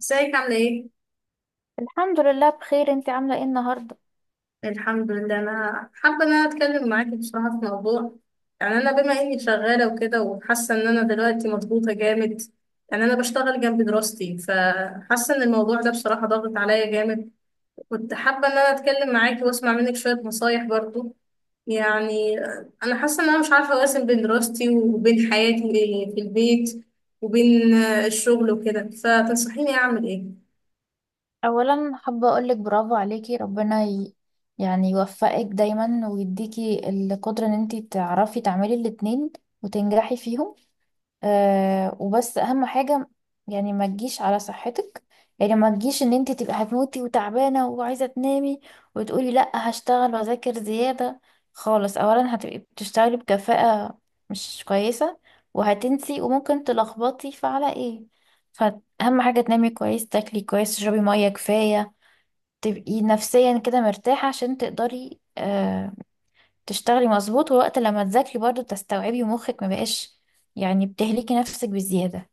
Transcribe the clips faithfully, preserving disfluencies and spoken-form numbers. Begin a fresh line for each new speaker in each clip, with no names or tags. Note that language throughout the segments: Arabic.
ازيك عاملة ايه؟
الحمد لله، بخير. انت عاملة ايه النهاردة؟
الحمد لله، انا حابة ان انا اتكلم معاكي بصراحة في موضوع. يعني انا بما اني شغالة وكده وحاسة ان انا دلوقتي مضغوطة جامد. يعني انا بشتغل جنب دراستي، فحاسة ان الموضوع ده بصراحة ضاغط عليا جامد. كنت حابة ان انا اتكلم معاكي واسمع منك شوية نصايح برضو. يعني انا حاسة ان انا مش عارفة اوازن بين دراستي وبين حياتي في البيت وبين الشغل وكده، فتنصحيني اعمل ايه؟
اولا حابة اقولك برافو عليكي. ربنا ي... يعني يوفقك دايما ويديكي القدرة ان انت تعرفي تعملي الاتنين وتنجحي فيهم. أه وبس اهم حاجة، يعني ما تجيش على صحتك. يعني ما تجيش ان انت تبقى هتموتي وتعبانة وعايزة تنامي وتقولي لا، هشتغل واذاكر زيادة خالص. اولا هتبقي بتشتغلي بكفاءة مش كويسة، وهتنسي وممكن تلخبطي فعلى ايه. فاهم حاجة، تنامي كويس، تاكلي كويس، تشربي مية كفاية، تبقي نفسيا كده مرتاحة عشان تقدري آه، تشتغلي مظبوط. ووقت لما تذاكري برضه بتستوعبي ومخك ما بقاش، يعني بتهلكي نفسك بالزيادة.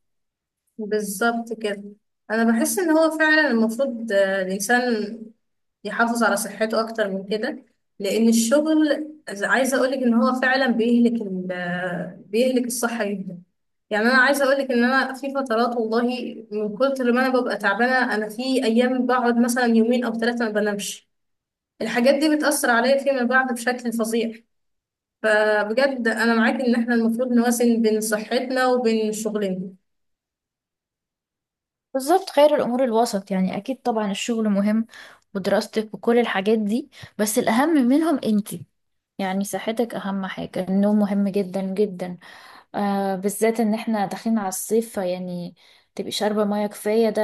بالظبط كده. انا بحس ان هو فعلا المفروض آه، الانسان يحافظ على صحته اكتر من كده، لان الشغل عايز- عايزه اقولك ان هو فعلا بيهلك ال- آه، بيهلك الصحه جدا. يعني انا عايزه اقولك ان انا في فترات والله، من كتر ما انا ببقى تعبانه انا في ايام بقعد مثلا يومين او ثلاثه ما بنامش. الحاجات دي بتاثر عليا فيما بعد بشكل فظيع. فبجد انا معاك ان احنا المفروض نوازن بين صحتنا وبين شغلنا.
بالظبط، خير الأمور الوسط. يعني أكيد طبعا الشغل مهم ودراستك وكل الحاجات دي، بس الأهم منهم أنتي. يعني صحتك أهم حاجة، النوم مهم جدا جدا، آه، بالذات إن احنا داخلين على الصيف. يعني تبقي شاربة مية كفاية، ده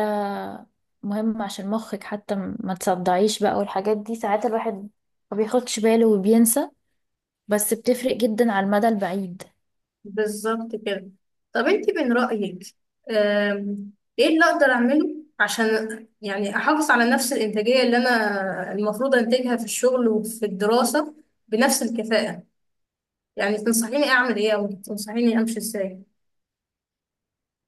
مهم عشان مخك حتى ما تصدعيش بقى. والحاجات دي ساعات الواحد ما بياخدش باله وبينسى، بس بتفرق جدا على المدى البعيد.
بالظبط كده. طب انت من رأيك، آم، ايه اللي اقدر اعمله عشان يعني احافظ على نفس الانتاجية اللي انا المفروض انتجها في الشغل وفي الدراسة بنفس الكفاءة؟ يعني تنصحيني اعمل ايه او تنصحيني امشي ازاي؟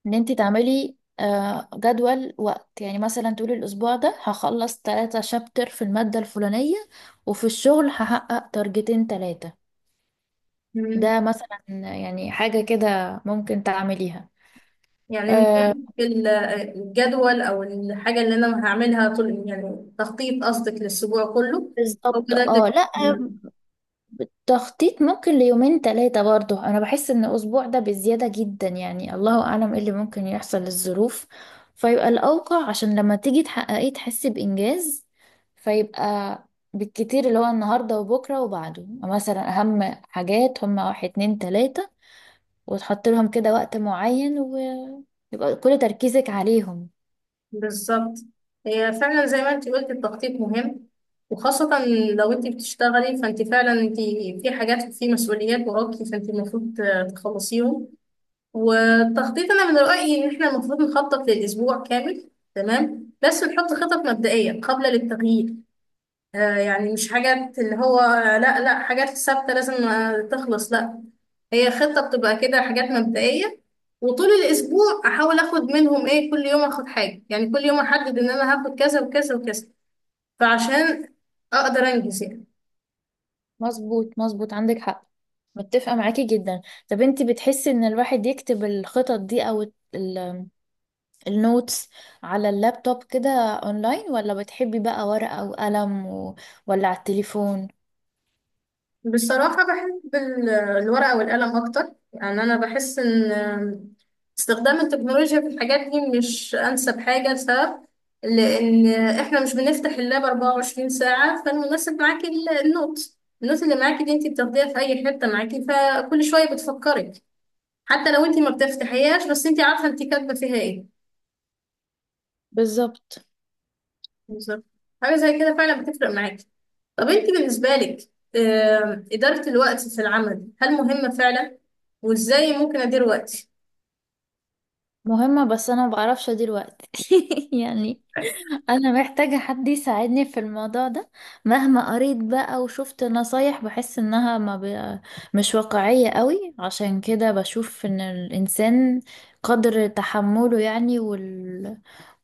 ان انت تعملي آه، جدول وقت، يعني مثلا تقولي الاسبوع ده هخلص ثلاثة شابتر في المادة الفلانية، وفي الشغل هحقق تارجتين ثلاثة.
مم.
ده مثلا، يعني حاجة كده ممكن تعمليها.
يعني من
آه،
ناحية ال- الجدول او الحاجة اللي انا هعملها، طول يعني تخطيط قصدك للاسبوع كله او كده؟
بالظبط. اه، لا، تخطيط ممكن ليومين تلاتة. برضه أنا بحس إن الأسبوع ده بزيادة جدا، يعني الله أعلم إيه اللي ممكن يحصل للظروف. فيبقى الأوقع، عشان لما تيجي تحققيه تحسي بإنجاز. فيبقى بالكتير اللي هو النهاردة وبكرة وبعده، مثلا أهم حاجات هما واحد اتنين تلاتة، وتحط لهم كده وقت معين، ويبقى كل تركيزك عليهم.
بالظبط، هي فعلا زي ما انت قلت التخطيط مهم، وخاصة لو انت بتشتغلي، فانت فعلا انت في حاجات، في مسؤوليات وراكي، فانت المفروض تخلصيهم. والتخطيط انا من رأيي ان احنا المفروض نخطط للأسبوع كامل، تمام، بس نحط خطط مبدئية قابلة للتغيير. آه، يعني مش حاجات اللي هو لا لا حاجات ثابتة لازم آه، تخلص، لا. هي خطة بتبقى كده حاجات مبدئية، وطول الأسبوع أحاول أخد منهم إيه، كل يوم أخد حاجة. يعني كل يوم أحدد إن أنا هاخد كذا وكذا وكذا فعشان أقدر أنجز يعني.
مظبوط مظبوط، عندك حق. متفقة معاكي جدا. طب انتي بتحسي إن الواحد يكتب الخطط دي أو النوتس على اللابتوب كده اونلاين، ولا بتحبي بقى ورقة وقلم و... ولا على التليفون؟
بصراحة بحب ال- الورقة والقلم أكتر. يعني أنا بحس إن استخدام التكنولوجيا في الحاجات دي مش أنسب حاجة، لسبب، لأن إحنا مش بنفتح اللاب اربعة وعشرين ساعة، فالمناسب معاكي ال- النوت النوت اللي معاكي دي أنت بتاخديها في أي حتة معاكي، فكل شوية بتفكرك. حتى لو أنت ما بتفتحيهاش، بس أنت عارفة أنت كاتبة فيها إيه.
بالظبط.
بالظبط. حاجة زي كده فعلا بتفرق معاكي. طب انت بالنسبة لك، آه، إدارة الوقت في العمل هل مهمة فعلا؟ وإزاي ممكن أدير وقتي؟
مهمة، بس انا ما بعرفش ادير وقت. يعني انا محتاجة حد يساعدني في الموضوع ده. مهما قريت بقى وشفت نصايح بحس انها ما ب... مش واقعية قوي. عشان كده بشوف ان الانسان قدر تحمله، يعني وال...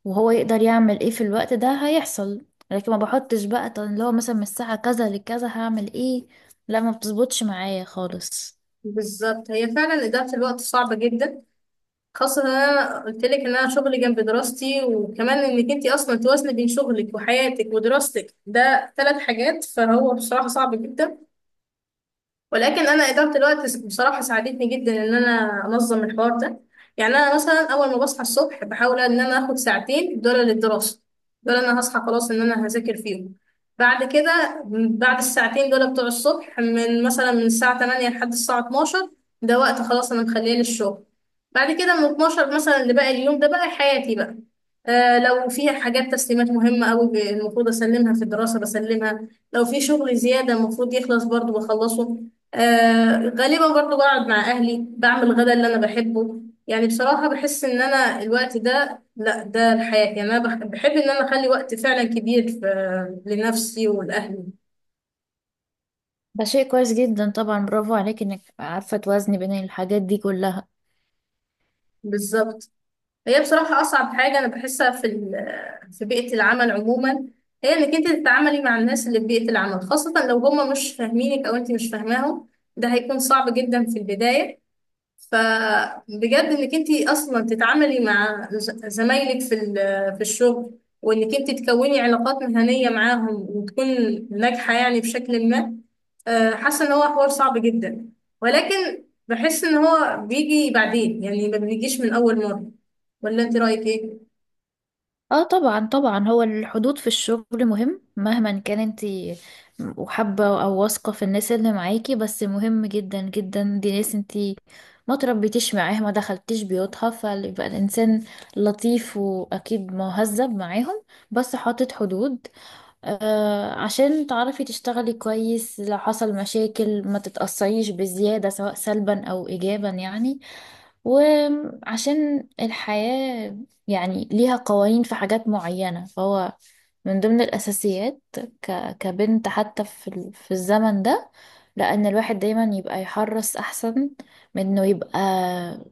وهو يقدر يعمل ايه في الوقت ده هيحصل، لكن ما بحطش بقى طب اللي هو مثلا من الساعة كذا لكذا هعمل ايه، لا ما بتظبطش معايا خالص.
بالظبط، هي فعلا إدارة الوقت صعبة جدا، خاصة إن أنا قلت لك إن أنا شغلي جنب دراستي، وكمان إنك أنت أصلا توازني بين شغلك وحياتك ودراستك، ده ثلاث حاجات، فهو بصراحة صعب جدا. ولكن انا اداره الوقت بصراحه ساعدتني جدا ان انا انظم الحوار ده. يعني انا مثلا اول ما بصحى الصبح بحاول ان انا اخد ساعتين دول للدراسه. دول انا هصحى خلاص ان انا هذاكر فيهم. بعد كده، بعد الساعتين دول بتوع الصبح، من مثلا من الساعه تمانية لحد الساعه اتناشر، ده وقت خلاص انا مخليه للشغل. بعد كده من اتناشر مثلا لباقي اليوم ده بقى حياتي بقى. آه، لو فيها حاجات تسليمات مهمة أوي ب- المفروض أسلمها في الدراسة بسلمها، لو في شغل زيادة المفروض يخلص برضو بخلصه. آه غالبا برضه بقعد مع أهلي، بعمل الغدا اللي أنا بحبه. يعني بصراحة بحس إن أنا الوقت ده لا ده الحياة. يعني أنا بح- بحب إن أنا أخلي وقت فعلا كبير في- لنفسي ولأهلي.
ده شيء كويس جدا طبعا، برافو عليك انك عارفة توازني بين الحاجات دي كلها.
بالظبط. هي بصراحة أصعب حاجة أنا بحسها في ال- في بيئة العمل عموما، هي إنك أنت تتعاملي مع الناس اللي في بيئة العمل، خاصة لو هما مش فاهمينك أو أنت مش فاهماهم، ده هيكون صعب جدا في البداية. فبجد انك انت اصلا تتعاملي مع ز- زمايلك في ال- في الشغل، وانك انت تكوني علاقات مهنيه معاهم وتكون ناجحه يعني بشكل ما، آه، حاسه ان هو حوار صعب جدا، ولكن بحس ان هو بيجي بعدين، يعني ما بيجيش من اول مره. ولا انت رايك ايه؟
اه، طبعا طبعا، هو الحدود في الشغل مهم مهما كان انت وحابة او واثقة في الناس اللي معاكي، بس مهم جدا جدا. دي ناس انت ما تربيتيش معاها ما دخلتيش بيوتها، فيبقى الانسان لطيف واكيد مهذب معاهم، بس حاطط حدود، آه، عشان تعرفي تشتغلي كويس. لو حصل مشاكل ما تتأثريش بزيادة، سواء سلبا او ايجابا يعني. وعشان الحياة يعني ليها قوانين في حاجات معينة، فهو من ضمن الأساسيات ك... كبنت حتى في, ال... في الزمن ده، لأن الواحد دايما يبقى يحرص أحسن من إنه يبقى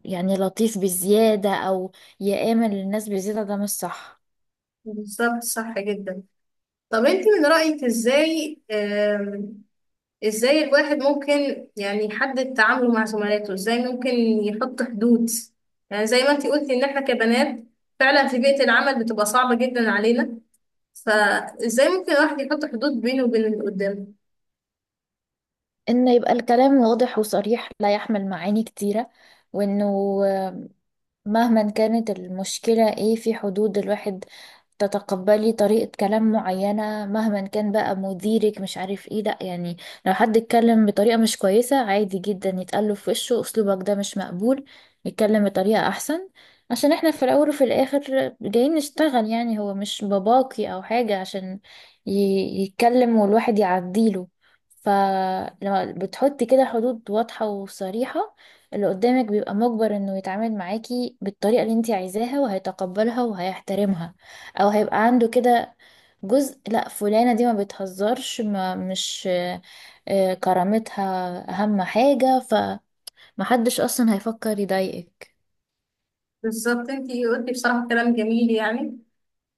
يعني لطيف بزيادة أو يآمن للناس بزيادة، ده مش صح.
بالظبط، صح جدا. طب انت من رايك ازاي، ازاي الواحد ممكن يعني يحدد تعامله مع زملاته؟ ازاي ممكن يحط حدود؟ يعني زي ما انتي قلتي ان احنا كبنات فعلا في بيئة العمل بتبقى صعبة جدا علينا، فازاي ممكن الواحد يحط حدود بينه وبين اللي قدامه؟
إنه يبقى الكلام واضح وصريح لا يحمل معاني كتيرة، وإنه مهما كانت المشكلة ايه في حدود الواحد تتقبلي طريقة كلام معينة، مهما كان بقى مديرك مش عارف ايه، لا يعني. لو حد اتكلم بطريقة مش كويسة عادي جدا يتقله في وشه اسلوبك ده مش مقبول، يتكلم بطريقة احسن. عشان احنا في الاول وفي الاخر جايين نشتغل، يعني هو مش باباكي او حاجة عشان ي- يتكلم والواحد يعديله. فلما بتحطي كده حدود واضحة وصريحة، اللي قدامك بيبقى مجبر انه يتعامل معاكي بالطريقة اللي انتي عايزاها، وهيتقبلها وهيحترمها، او هيبقى عنده كده جزء، لا فلانة دي ما بتهزرش ما مش آه، كرامتها اهم حاجة، فمحدش اصلا هيفكر يضايقك.
بالظبط، انتي قلتي بصراحة كلام جميل يعني.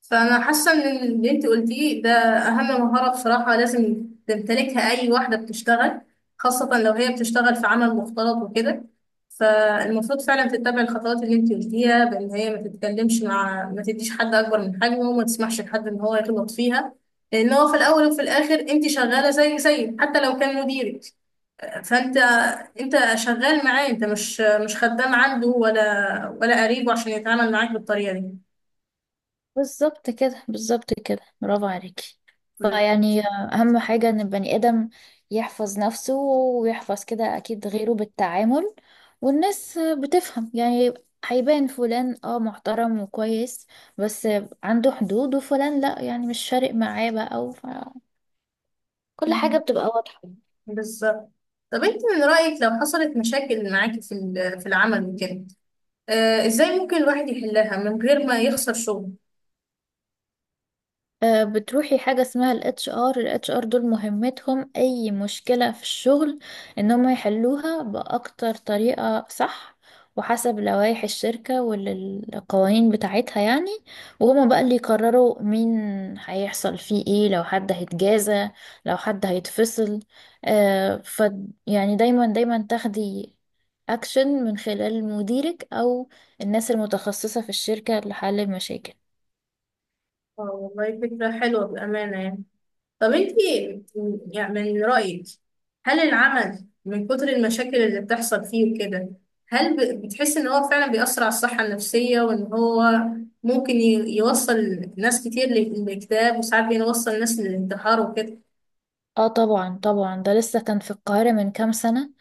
فأنا حاسة إن اللي أنت قلتيه ده أهم مهارة بصراحة لازم تمتلكها أي واحدة بتشتغل، خاصة لو هي بتشتغل في عمل مختلط وكده. فالمفروض فعلا تتبع الخطوات اللي أنت قلتيها، بإن هي ما تتكلمش مع ما تديش حد أكبر من حجمه، وما تسمحش لحد إن هو يغلط فيها، لأن هو في الأول وفي الآخر أنت شغالة زي زي، حتى لو كان مديرك فأنت، أنت شغال معاه، أنت مش مش خدام عنده، ولا ولا قريبه عشان يتعامل معاك بالطريقة
بالظبط كده بالظبط كده، برافو عليكي. فيعني أهم حاجة إن البني آدم يحفظ نفسه ويحفظ كده أكيد غيره بالتعامل، والناس بتفهم يعني. هيبان فلان اه محترم وكويس بس عنده حدود، وفلان لا، يعني مش فارق معاه بقى، أو كل حاجة
دي.
بتبقى واضحة.
بالظبط. طب انت من رأيك لو حصلت مشاكل معاكي في ال- في العمل وكده، آه ازاي ممكن الواحد يحلها من غير ما يخسر شغل؟
آه، بتروحي حاجة اسمها ال H R. ال H R دول مهمتهم أي مشكلة في الشغل إن هم يحلوها بأكتر طريقة صح، وحسب لوائح الشركة والقوانين بتاعتها يعني. وهما بقى اللي يقرروا مين هيحصل فيه ايه، لو حد هيتجازى لو حد هيتفصل. آه ف يعني دايما دايما تاخدي أكشن من خلال مديرك أو الناس المتخصصة في الشركة لحل المشاكل.
اه والله فكرة حلوة بأمانة يعني. طب انت يعني من رأيك هل العمل من كتر المشاكل اللي بتحصل فيه وكده، هل ب- بتحس ان هو فعلا بيأثر على الصحة النفسية، وان هو ممكن ي- يوصل ناس كتير لل- للاكتئاب، وساعات بيوصل ناس للانتحار وكده؟
اه طبعا طبعا، ده لسه كان في القاهرة من كام سنة،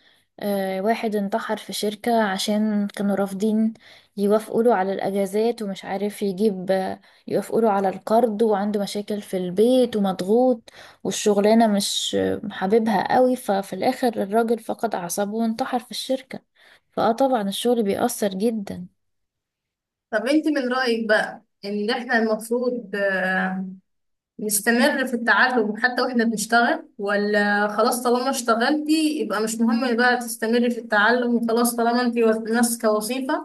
آه، واحد انتحر في شركة عشان كانوا رافضين يوافقوا له على الأجازات، ومش عارف يجيب آه، يوافقوا له على القرض، وعنده مشاكل في البيت ومضغوط، والشغلانة مش آه، حاببها قوي، ففي الآخر الراجل فقد أعصابه وانتحر في الشركة. فاه طبعا الشغل بيأثر جدا.
طب انت من رأيك بقى ان احنا المفروض آه، نستمر في التعلم حتى واحنا بنشتغل، ولا خلاص طالما اشتغلتي يبقى مش مهم بقى تستمري في التعلم، وخلاص طالما انت وز- ماسكة وظيفة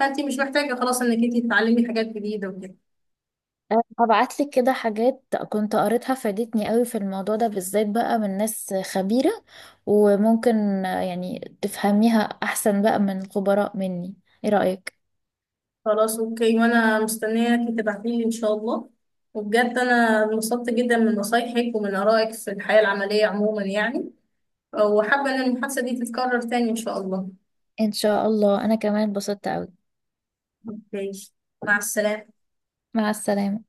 فانت مش محتاجة خلاص انك انت تتعلمي حاجات جديدة وكده؟
هبعت لك كده حاجات كنت قريتها فادتني قوي في الموضوع ده بالذات، بقى من ناس خبيرة. وممكن آه، يعني تفهميها احسن بقى من خبراء مني. ايه رأيك؟
خلاس اوكي، وانا مستنياكي تبعتيلي ان شاء الله. وبجد انا انبسطت جدا من نصايحك ومن ارائك في الحياة العملية عموما يعني. وحابة ان المحادثة دي تتكرر تاني ان شاء الله.
ان شاء الله، انا كمان اتبسطت قوي.
ماشي، مع السلامة.
مع السلامة.